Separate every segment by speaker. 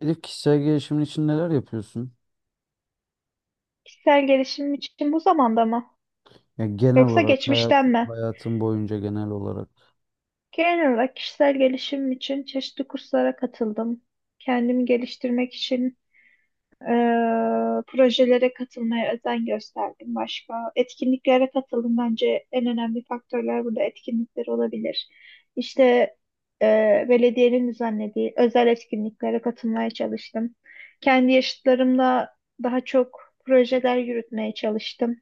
Speaker 1: Elif, kişisel gelişimin için neler yapıyorsun?
Speaker 2: Kişisel gelişim için bu zamanda mı?
Speaker 1: Ya genel
Speaker 2: Yoksa
Speaker 1: olarak hayat,
Speaker 2: geçmişten mi?
Speaker 1: hayatın boyunca genel olarak
Speaker 2: Genel olarak kişisel gelişim için çeşitli kurslara katıldım. Kendimi geliştirmek için eee, projelere katılmaya özen gösterdim. Başka etkinliklere katıldım. Bence en önemli faktörler burada etkinlikler olabilir. İşte belediyenin düzenlediği özel etkinliklere katılmaya çalıştım. Kendi yaşıtlarımla daha çok projeler yürütmeye çalıştım.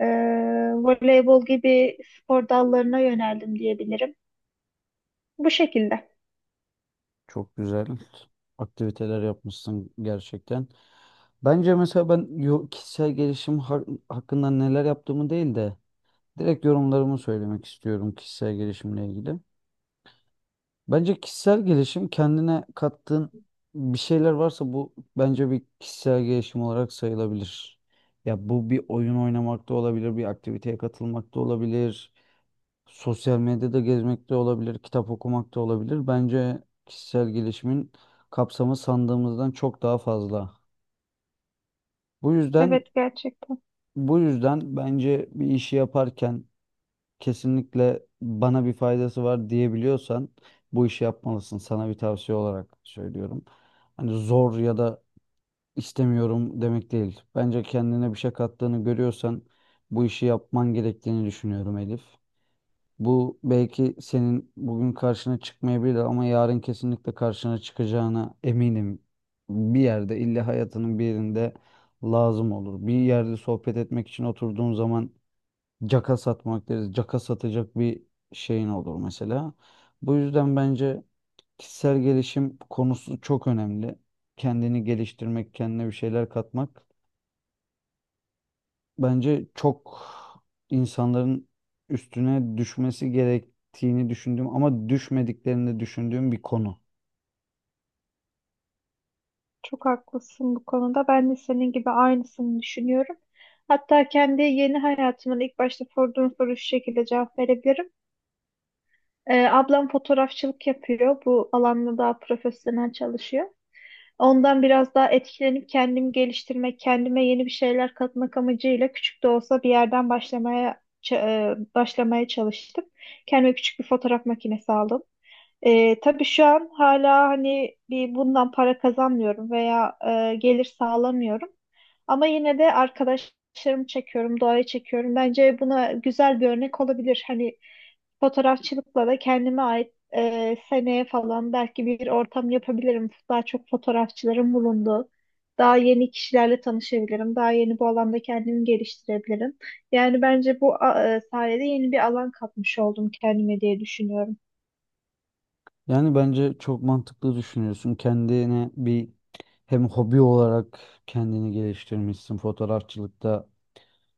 Speaker 2: Ee, Voleybol gibi spor dallarına yöneldim diyebilirim. Bu şekilde.
Speaker 1: çok güzel aktiviteler yapmışsın gerçekten. Bence mesela kişisel hakkında neler yaptığımı değil de direkt yorumlarımı söylemek istiyorum kişisel gelişimle ilgili. Bence kişisel gelişim kendine kattığın bir şeyler varsa bu bence bir kişisel gelişim olarak sayılabilir. Ya bu bir oyun oynamak da olabilir, bir aktiviteye katılmak da olabilir. Sosyal medyada gezmek de olabilir, kitap okumak da olabilir. Bence kişisel gelişimin kapsamı sandığımızdan çok daha fazla. Bu yüzden
Speaker 2: Evet, gerçekten
Speaker 1: bu yüzden bence bir işi yaparken kesinlikle bana bir faydası var diyebiliyorsan bu işi yapmalısın. Sana bir tavsiye olarak söylüyorum. Hani zor ya da istemiyorum demek değil. Bence kendine bir şey kattığını görüyorsan bu işi yapman gerektiğini düşünüyorum Elif. Bu belki senin bugün karşına çıkmayabilir ama yarın kesinlikle karşına çıkacağına eminim. Bir yerde illa hayatının bir yerinde lazım olur. Bir yerde sohbet etmek için oturduğun zaman caka satmak deriz. Caka satacak bir şeyin olur mesela. Bu yüzden bence kişisel gelişim konusu çok önemli. Kendini geliştirmek, kendine bir şeyler katmak bence çok insanların üstüne düşmesi gerektiğini düşündüğüm ama düşmediklerini de düşündüğüm bir konu.
Speaker 2: çok haklısın bu konuda. Ben de senin gibi aynısını düşünüyorum. Hatta kendi yeni hayatımın ilk başta sorduğun soru şu şekilde cevap verebilirim. Ablam fotoğrafçılık yapıyor. Bu alanda daha profesyonel çalışıyor. Ondan biraz daha etkilenip kendimi geliştirmek, kendime yeni bir şeyler katmak amacıyla küçük de olsa bir yerden başlamaya çalıştım. Kendime küçük bir fotoğraf makinesi aldım. Tabii şu an hala hani bir bundan para kazanmıyorum veya gelir sağlamıyorum. Ama yine de arkadaşlarımı çekiyorum, doğayı çekiyorum. Bence buna güzel bir örnek olabilir. Hani fotoğrafçılıkla da kendime ait, seneye falan belki bir ortam yapabilirim. Daha çok fotoğrafçıların bulunduğu, daha yeni kişilerle tanışabilirim. Daha yeni bu alanda kendimi geliştirebilirim. Yani bence bu sayede yeni bir alan katmış oldum kendime diye düşünüyorum.
Speaker 1: Yani bence çok mantıklı düşünüyorsun. Kendine bir hem hobi olarak kendini geliştirmişsin fotoğrafçılıkta.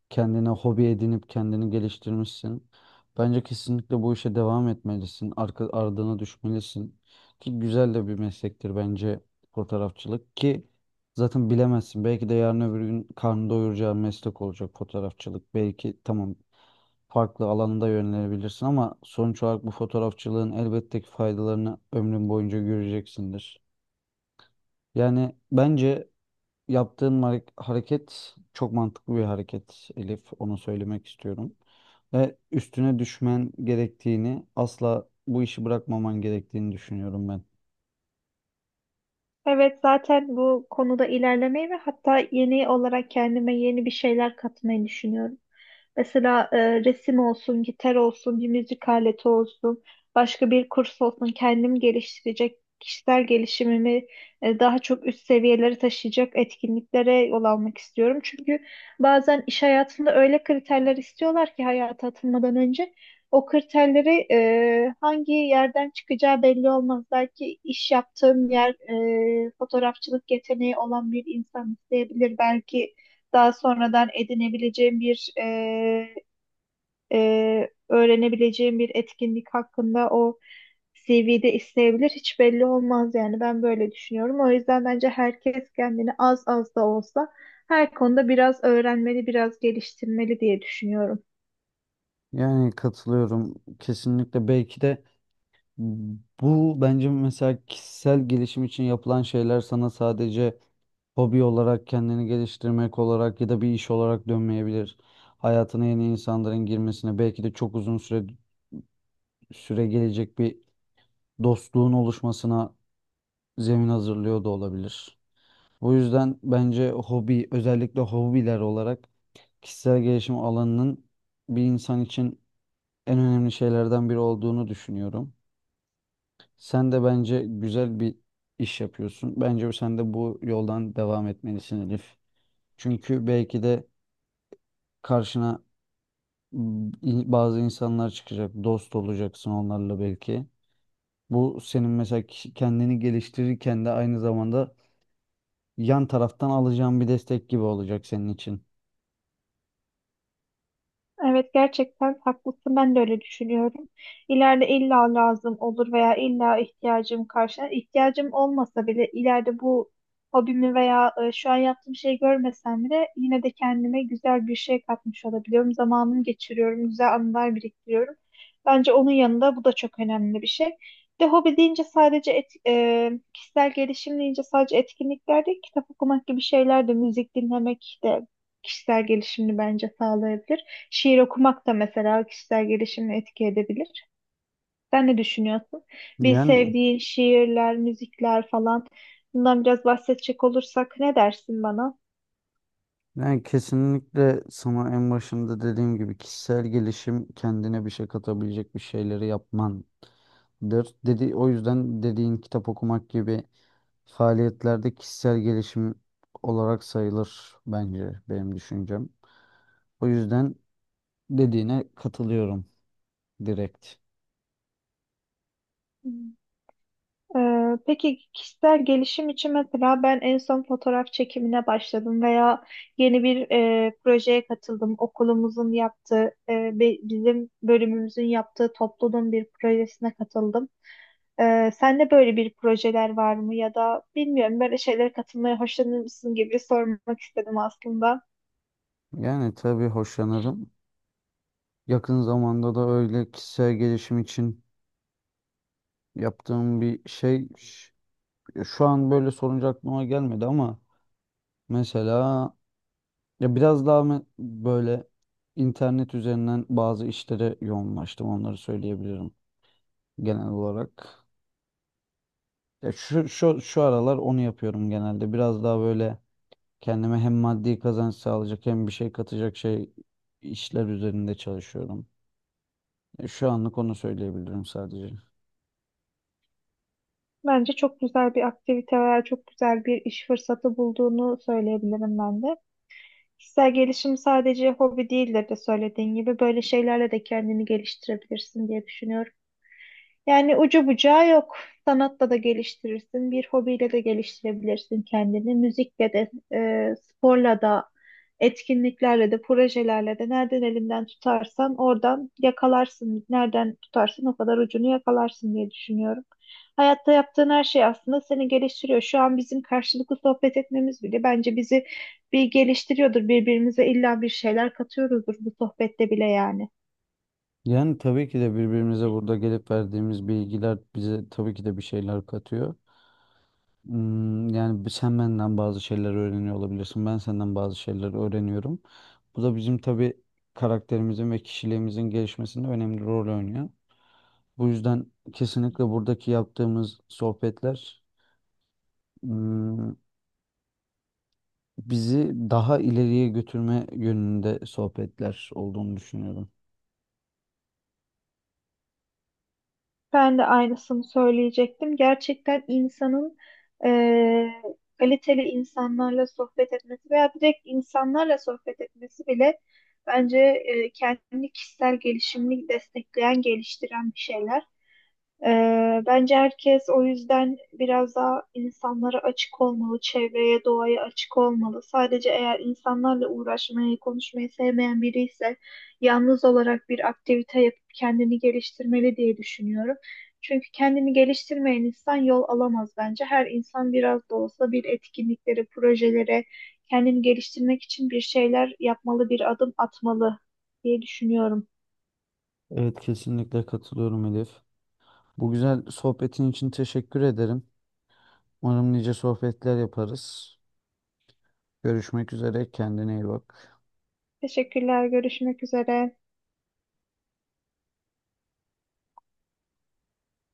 Speaker 1: Kendine hobi edinip kendini geliştirmişsin. Bence kesinlikle bu işe devam etmelisin. Arka, ardına düşmelisin. Ki güzel de bir meslektir bence fotoğrafçılık, ki zaten bilemezsin. Belki de yarın öbür gün karnı doyuracağın meslek olacak fotoğrafçılık. Belki tamam, farklı alanda yönelebilirsin ama sonuç olarak bu fotoğrafçılığın elbette ki faydalarını ömrün boyunca göreceksindir. Yani bence yaptığın hareket çok mantıklı bir hareket Elif. Onu söylemek istiyorum. Ve üstüne düşmen gerektiğini, asla bu işi bırakmaman gerektiğini düşünüyorum ben.
Speaker 2: Evet, zaten bu konuda ilerlemeyi ve hatta yeni olarak kendime yeni bir şeyler katmayı düşünüyorum. Mesela resim olsun, gitar olsun, bir müzik aleti olsun, başka bir kurs olsun, kendim geliştirecek, kişisel gelişimimi daha çok üst seviyelere taşıyacak etkinliklere yol almak istiyorum. Çünkü bazen iş hayatında öyle kriterler istiyorlar ki hayata atılmadan önce o kriterleri, hangi yerden çıkacağı belli olmaz. Belki iş yaptığım yer, fotoğrafçılık yeteneği olan bir insan isteyebilir. Belki daha sonradan edinebileceğim bir öğrenebileceğim bir etkinlik hakkında o CV'de isteyebilir. Hiç belli olmaz yani, ben böyle düşünüyorum. O yüzden bence herkes kendini az az da olsa her konuda biraz öğrenmeli, biraz geliştirmeli diye düşünüyorum.
Speaker 1: Yani katılıyorum kesinlikle. Belki de bu bence mesela kişisel gelişim için yapılan şeyler sana sadece hobi olarak kendini geliştirmek olarak ya da bir iş olarak dönmeyebilir. Hayatına yeni insanların girmesine, belki de çok uzun süre gelecek bir dostluğun oluşmasına zemin hazırlıyor da olabilir. Bu yüzden bence hobi, özellikle hobiler olarak kişisel gelişim alanının bir insan için en önemli şeylerden biri olduğunu düşünüyorum. Sen de bence güzel bir iş yapıyorsun. Bence sen de bu yoldan devam etmelisin Elif. Çünkü belki de karşına bazı insanlar çıkacak, dost olacaksın onlarla belki. Bu senin mesela kendini geliştirirken de aynı zamanda yan taraftan alacağın bir destek gibi olacak senin için.
Speaker 2: Evet, gerçekten haklısın, ben de öyle düşünüyorum. İleride illa lazım olur veya illa ihtiyacım karşılar. İhtiyacım olmasa bile ileride bu hobimi veya şu an yaptığım şeyi görmesem bile yine de kendime güzel bir şey katmış olabiliyorum. Zamanımı geçiriyorum, güzel anılar biriktiriyorum. Bence onun yanında bu da çok önemli bir şey. Bir de hobi deyince sadece kişisel gelişim deyince sadece etkinlikler değil, kitap okumak gibi şeyler de, müzik dinlemek de kişisel gelişimini bence sağlayabilir. Şiir okumak da mesela kişisel gelişimi etki edebilir. Sen ne düşünüyorsun? Bir
Speaker 1: Yani,
Speaker 2: sevdiğin şiirler, müzikler falan, bundan biraz bahsedecek olursak ne dersin bana?
Speaker 1: yani kesinlikle sana en başında dediğim gibi kişisel gelişim kendine bir şey katabilecek bir şeyleri yapmandır. Dedi, o yüzden dediğin kitap okumak gibi faaliyetlerde kişisel gelişim olarak sayılır bence, benim düşüncem. O yüzden dediğine katılıyorum direkt.
Speaker 2: Hmm. Peki kişisel gelişim için mesela ben en son fotoğraf çekimine başladım veya yeni bir, projeye katıldım. Okulumuzun yaptığı, bizim bölümümüzün yaptığı topluluğun bir projesine katıldım. Sende böyle bir projeler var mı ya da bilmiyorum böyle şeylere katılmaya hoşlanır mısın gibi sormak istedim aslında.
Speaker 1: Yani tabii hoşlanırım. Yakın zamanda da öyle kişisel gelişim için yaptığım bir şey, ya şu an böyle sorunca aklıma gelmedi ama mesela ya biraz daha böyle internet üzerinden bazı işlere yoğunlaştım, onları söyleyebilirim genel olarak. Ya şu aralar onu yapıyorum genelde. Biraz daha böyle kendime hem maddi kazanç sağlayacak hem bir şey katacak şey işler üzerinde çalışıyorum. Ya şu anlık onu söyleyebilirim sadece.
Speaker 2: Bence çok güzel bir aktivite var, çok güzel bir iş fırsatı bulduğunu söyleyebilirim ben de. Kişisel gelişim sadece hobi değildir de söylediğin gibi böyle şeylerle de kendini geliştirebilirsin diye düşünüyorum. Yani ucu bucağı yok. Sanatla da geliştirirsin, bir hobiyle de geliştirebilirsin kendini. Müzikle de, sporla da, etkinliklerle de, projelerle de nereden elinden tutarsan oradan yakalarsın. Nereden tutarsın o kadar ucunu yakalarsın diye düşünüyorum. Hayatta yaptığın her şey aslında seni geliştiriyor. Şu an bizim karşılıklı sohbet etmemiz bile bence bizi bir geliştiriyordur. Birbirimize illa bir şeyler katıyoruzdur bu sohbette bile yani.
Speaker 1: Yani tabii ki de birbirimize burada gelip verdiğimiz bilgiler bize tabii ki de bir şeyler katıyor. Hmm, yani sen benden bazı şeyler öğreniyor olabilirsin. Ben senden bazı şeyler öğreniyorum. Bu da bizim tabii karakterimizin ve kişiliğimizin gelişmesinde önemli rol oynuyor. Bu yüzden kesinlikle buradaki yaptığımız sohbetler, hmm, bizi daha ileriye götürme yönünde sohbetler olduğunu düşünüyorum.
Speaker 2: Ben de aynısını söyleyecektim. Gerçekten insanın eee, kaliteli insanlarla sohbet etmesi veya direkt insanlarla sohbet etmesi bile bence kendini kişisel gelişimini destekleyen, geliştiren bir şeyler. Bence herkes o yüzden biraz daha insanlara açık olmalı, çevreye, doğaya açık olmalı. Sadece eğer insanlarla uğraşmayı, konuşmayı sevmeyen biri ise yalnız olarak bir aktivite yapıp kendini geliştirmeli diye düşünüyorum. Çünkü kendini geliştirmeyen insan yol alamaz bence. Her insan biraz da olsa bir etkinliklere, projelere, kendini geliştirmek için bir şeyler yapmalı, bir adım atmalı diye düşünüyorum.
Speaker 1: Evet, kesinlikle katılıyorum Elif. Bu güzel sohbetin için teşekkür ederim. Umarım nice sohbetler yaparız. Görüşmek üzere. Kendine iyi bak.
Speaker 2: Teşekkürler, görüşmek üzere.